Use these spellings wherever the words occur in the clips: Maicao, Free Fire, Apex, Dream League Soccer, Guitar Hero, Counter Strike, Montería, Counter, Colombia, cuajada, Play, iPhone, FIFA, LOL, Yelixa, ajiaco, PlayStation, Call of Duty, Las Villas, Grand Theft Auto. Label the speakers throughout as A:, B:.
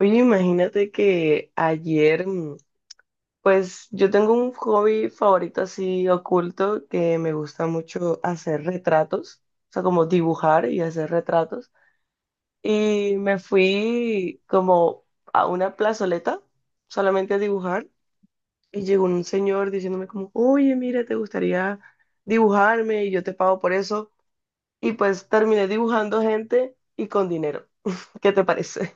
A: Oye, imagínate que ayer, pues yo tengo un hobby favorito así oculto que me gusta mucho hacer retratos, o sea, como dibujar y hacer retratos. Y me fui como a una plazoleta solamente a dibujar y llegó un señor diciéndome como, oye, mira, ¿te gustaría dibujarme y yo te pago por eso? Y pues terminé dibujando gente y con dinero. ¿Qué te parece?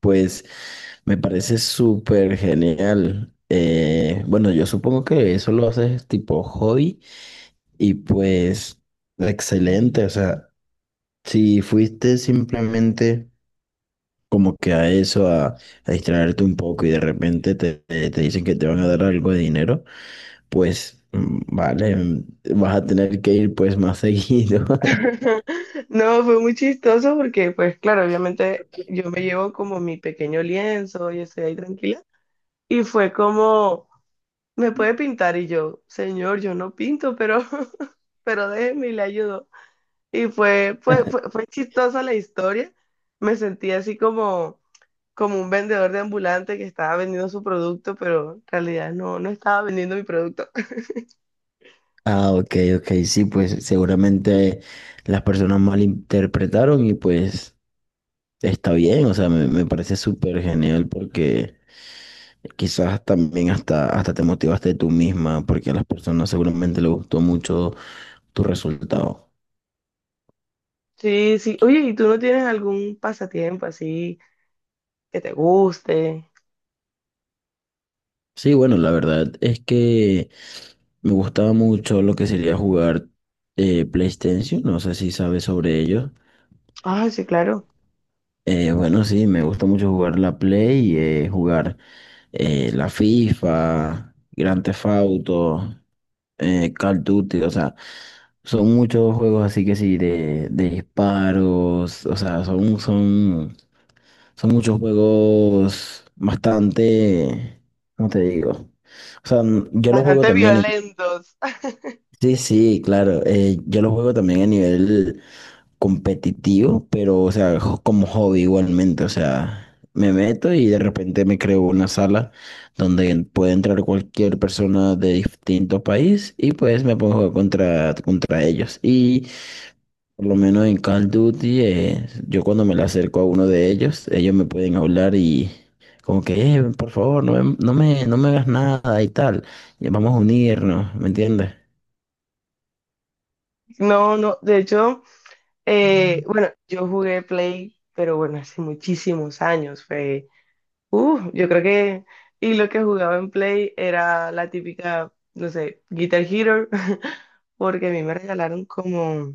B: Pues me parece súper genial. Bueno, yo supongo que eso lo haces tipo hobby y pues excelente. O sea, si fuiste simplemente como que a eso, a distraerte un poco y de repente te dicen que te van a dar algo de dinero, pues vale, vas a tener que ir pues más seguido.
A: No, fue muy chistoso porque, pues claro, obviamente yo me llevo como mi pequeño lienzo y estoy ahí tranquila. Y fue como, me puede pintar y yo, señor, yo no pinto, pero, pero déjeme y le ayudo. Y fue chistosa la historia. Me sentí así como un vendedor de ambulante que estaba vendiendo su producto, pero en realidad no, no estaba vendiendo mi producto.
B: Ah, ok, ok, sí, pues seguramente las personas malinterpretaron y pues está bien. O sea, me parece súper genial porque quizás también hasta te motivaste tú misma porque a las personas seguramente les gustó mucho tu resultado.
A: Sí, sí. Oye, ¿y tú no tienes algún pasatiempo así que te guste?
B: Sí, bueno, la verdad es que me gustaba mucho lo que sería jugar PlayStation, no sé si sabes sobre ello.
A: Ah, sí, claro.
B: Bueno, sí, me gusta mucho jugar la Play, jugar la FIFA, Grand Theft Auto, Call of Duty. O sea, son muchos juegos así que sí, de disparos. O sea, son muchos juegos bastante, ¿cómo te digo? O sea, yo los juego
A: Bastante
B: también a nivel,
A: violentos.
B: sí, sí, claro, yo los juego también a nivel competitivo, pero, o sea, como hobby igualmente. O sea, me meto y de repente me creo una sala donde puede entrar cualquier persona de distinto país y pues me pongo a jugar contra ellos. Y por lo menos en Call of Duty, yo cuando me le acerco a uno de ellos, ellos me pueden hablar y... Como que: por favor, no me hagas nada y tal. Vamos a unirnos, ¿me entiendes?"
A: No, no, de hecho, bueno, yo jugué Play, pero bueno, hace muchísimos años, fue, yo creo que, y lo que jugaba en Play era la típica, no sé, Guitar Hero, porque a mí me regalaron como,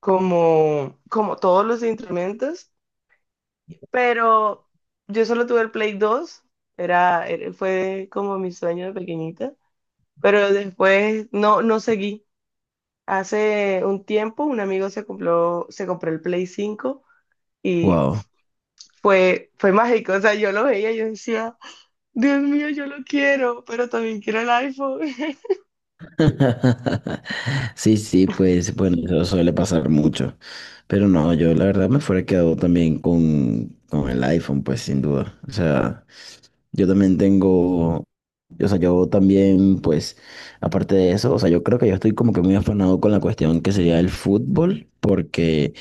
A: como, como todos los instrumentos, pero yo solo tuve el Play 2 fue como mi sueño de pequeñita, pero después no, no seguí. Hace un tiempo un amigo se compró el Play 5 y
B: Wow.
A: fue mágico. O sea, yo lo veía y yo decía, Dios mío, yo lo quiero, pero también quiero el iPhone.
B: Sí, sí, pues bueno, eso suele pasar mucho. Pero no, yo la verdad me fuera quedado también con el iPhone, pues sin duda. O sea, yo también tengo, o sea, yo también, pues, aparte de eso, o sea, yo creo que yo estoy como que muy afanado con la cuestión que sería el fútbol, porque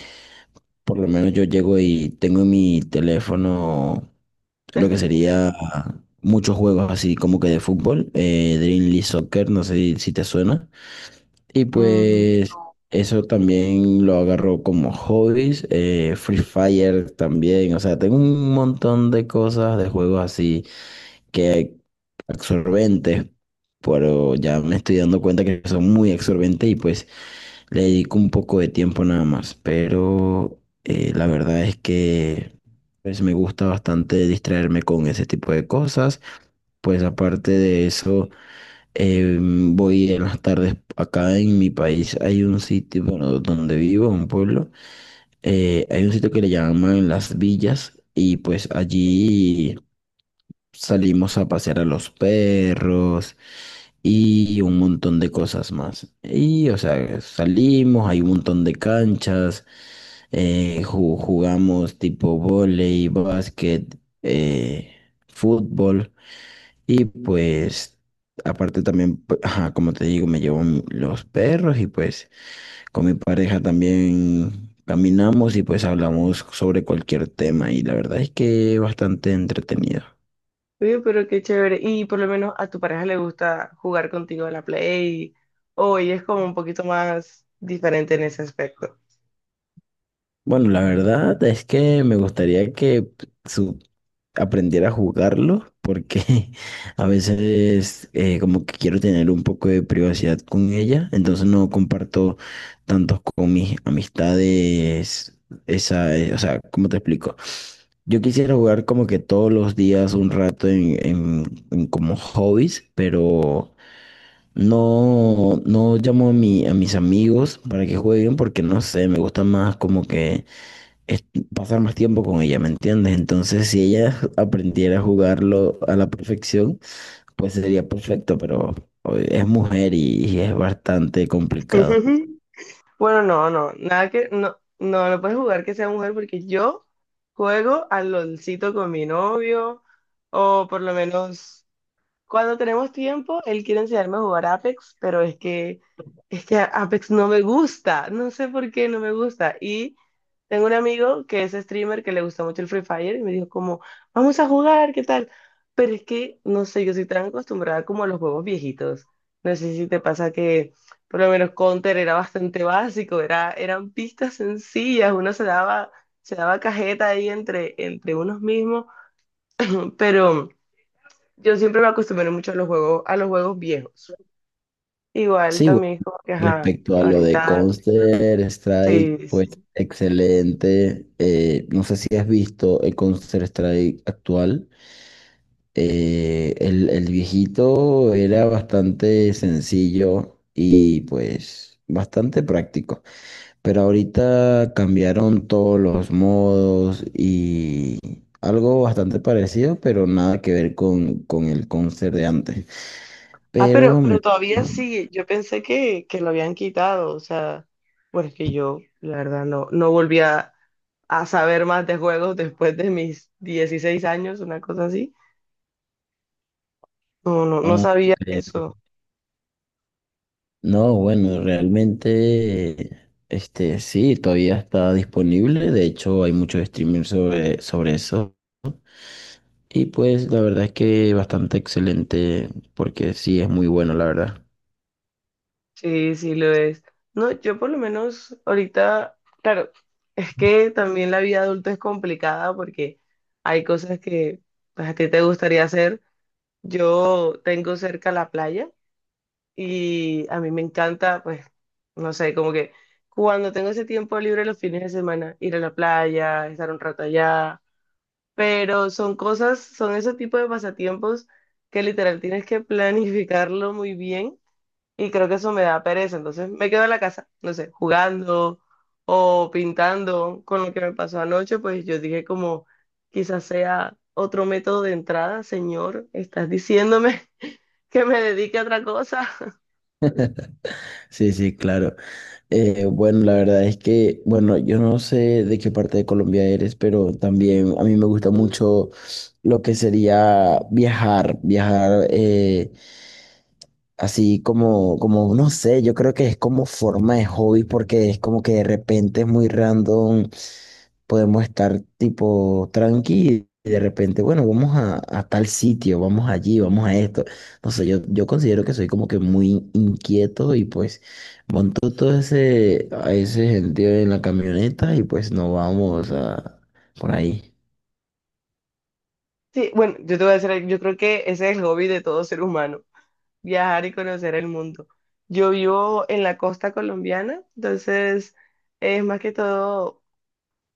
B: por lo menos yo llego y tengo en mi teléfono lo que sería muchos juegos así como que de fútbol, Dream League Soccer, no sé si te suena. Y
A: Mm,
B: pues eso también lo agarro como hobbies. Free Fire también. O sea, tengo un montón de cosas, de juegos así que absorbentes, pero ya me estoy dando cuenta que son muy absorbentes y pues le dedico un poco de tiempo nada más. Pero la verdad es que pues me gusta bastante distraerme con ese tipo de cosas. Pues aparte de eso... voy en las tardes acá en mi país. Hay un sitio, bueno, donde vivo, un pueblo. Hay un sitio que le llaman Las Villas y pues allí salimos a pasear a los perros y un montón de cosas más. Y, o sea, salimos, hay un montón de canchas, jugamos tipo vóley, básquet, eh, fútbol. Y pues, aparte también, ajá, como te digo, me llevo los perros y pues con mi pareja también caminamos y pues hablamos sobre cualquier tema y la verdad es que bastante entretenido.
A: Oye, pero qué chévere. Y por lo menos a tu pareja le gusta jugar contigo a la Play o ella es como un poquito más diferente en ese aspecto.
B: Bueno, la verdad es que me gustaría que su- aprendiera a jugarlo porque a veces como que quiero tener un poco de privacidad con ella, entonces no comparto tantos con mis amistades, esa, o sea, ¿cómo te explico? Yo quisiera jugar como que todos los días un rato en como hobbies, pero no llamo a mis amigos para que jueguen porque no sé, me gusta más como que es pasar más tiempo con ella, ¿me entiendes? Entonces, si ella aprendiera a jugarlo a la perfección, pues sería perfecto, pero oye, es mujer y es bastante complicado.
A: Bueno, no, no, nada que, no, no, no puedes jugar que sea mujer porque yo juego al LOLcito con mi novio, o por lo menos cuando tenemos tiempo, él quiere enseñarme a jugar Apex, pero es que Apex no me gusta, no sé por qué no me gusta. Y tengo un amigo que es streamer que le gusta mucho el Free Fire y me dijo como, vamos a jugar, ¿qué tal? Pero es que, no sé, yo soy tan acostumbrada como a los juegos viejitos. No sé si te pasa que por lo menos Counter era bastante básico, era, eran pistas sencillas, uno se daba cajeta ahí entre unos mismos, pero... Yo siempre me acostumbré mucho a los juegos viejos. Igual
B: Sí, bueno,
A: también es como que, ajá,
B: respecto a lo de
A: ahorita,
B: Counter Strike,
A: sí,
B: pues
A: sí.
B: excelente. No sé si has visto el Counter Strike actual. El viejito era bastante sencillo y pues bastante práctico. Pero ahorita cambiaron todos los modos y algo bastante parecido, pero nada que ver con el concert de antes.
A: Ah, pero,
B: Pero me...
A: pero todavía
B: Ah,
A: sí, yo pensé que lo habían quitado, o sea, bueno es que yo, la verdad, no, no volví a saber más de juegos después de mis 16 años, una cosa así. No, no, no
B: ah,
A: sabía
B: ok.
A: eso.
B: No, bueno, realmente, este, sí, todavía está disponible. De hecho, hay muchos streamers sobre eso. Y pues la verdad es que bastante excelente, porque sí, es muy bueno, la verdad.
A: Sí, sí lo es. No, yo por lo menos ahorita, claro, es que también la vida adulta es complicada porque hay cosas que pues, a ti te gustaría hacer. Yo tengo cerca la playa y a mí me encanta, pues, no sé, como que cuando tengo ese tiempo libre los fines de semana, ir a la playa, estar un rato allá, pero son cosas, son ese tipo de pasatiempos que literal tienes que planificarlo muy bien y creo que eso me da pereza. Entonces me quedo en la casa, no sé, jugando o pintando con lo que me pasó anoche. Pues yo dije como, quizás sea otro método de entrada, señor. Estás diciéndome que me dedique a otra cosa.
B: Sí, sí, claro. Bueno, la verdad es que, bueno, yo no sé de qué parte de Colombia eres, pero también a mí me gusta mucho lo que sería viajar. Así como, como, no sé, yo creo que es como forma de hobby porque es como que de repente es muy random, podemos estar tipo tranqui y de repente, bueno, a tal sitio, vamos allí, vamos a esto. No sé, yo considero que soy como que muy inquieto y pues monto todo a ese sentido en la camioneta y pues nos vamos a, por ahí.
A: Sí, bueno, yo te voy a decir, algo, yo creo que ese es el hobby de todo ser humano, viajar y conocer el mundo. Yo vivo en la costa colombiana, entonces es más que todo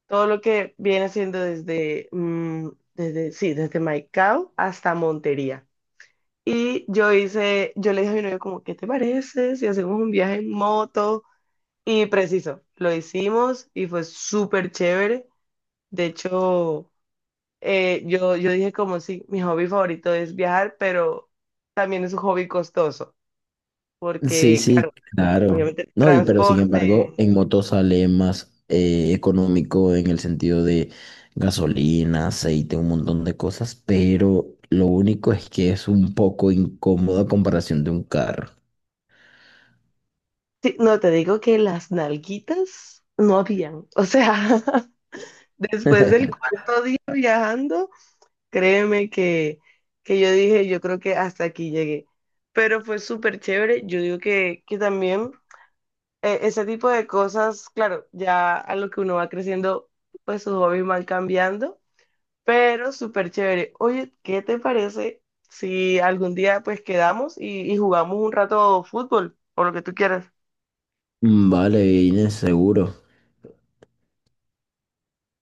A: Todo lo que viene siendo sí, desde Maicao hasta Montería. Y yo hice, yo le dije a mi novio como, ¿qué te parece si hacemos un viaje en moto? Y preciso, lo hicimos y fue súper chévere. De hecho, yo dije como, sí, mi hobby favorito es viajar, pero también es un hobby costoso,
B: Sí,
A: porque claro,
B: sí, claro.
A: obviamente
B: No, y pero sin embargo,
A: transporte.
B: en moto sale más económico en el sentido de gasolina, aceite, un montón de cosas, pero lo único es que es un poco incómodo a comparación de un carro.
A: Sí, no, te digo que las nalguitas no habían, o sea... Después del cuarto día viajando, créeme que yo dije, yo creo que hasta aquí llegué. Pero fue súper chévere. Yo digo que también ese tipo de cosas, claro, ya a lo que uno va creciendo, pues sus hobbies van cambiando, pero súper chévere. Oye, ¿qué te parece si algún día pues quedamos y jugamos un rato fútbol o lo que tú quieras?
B: Mm, vale, Inés, seguro.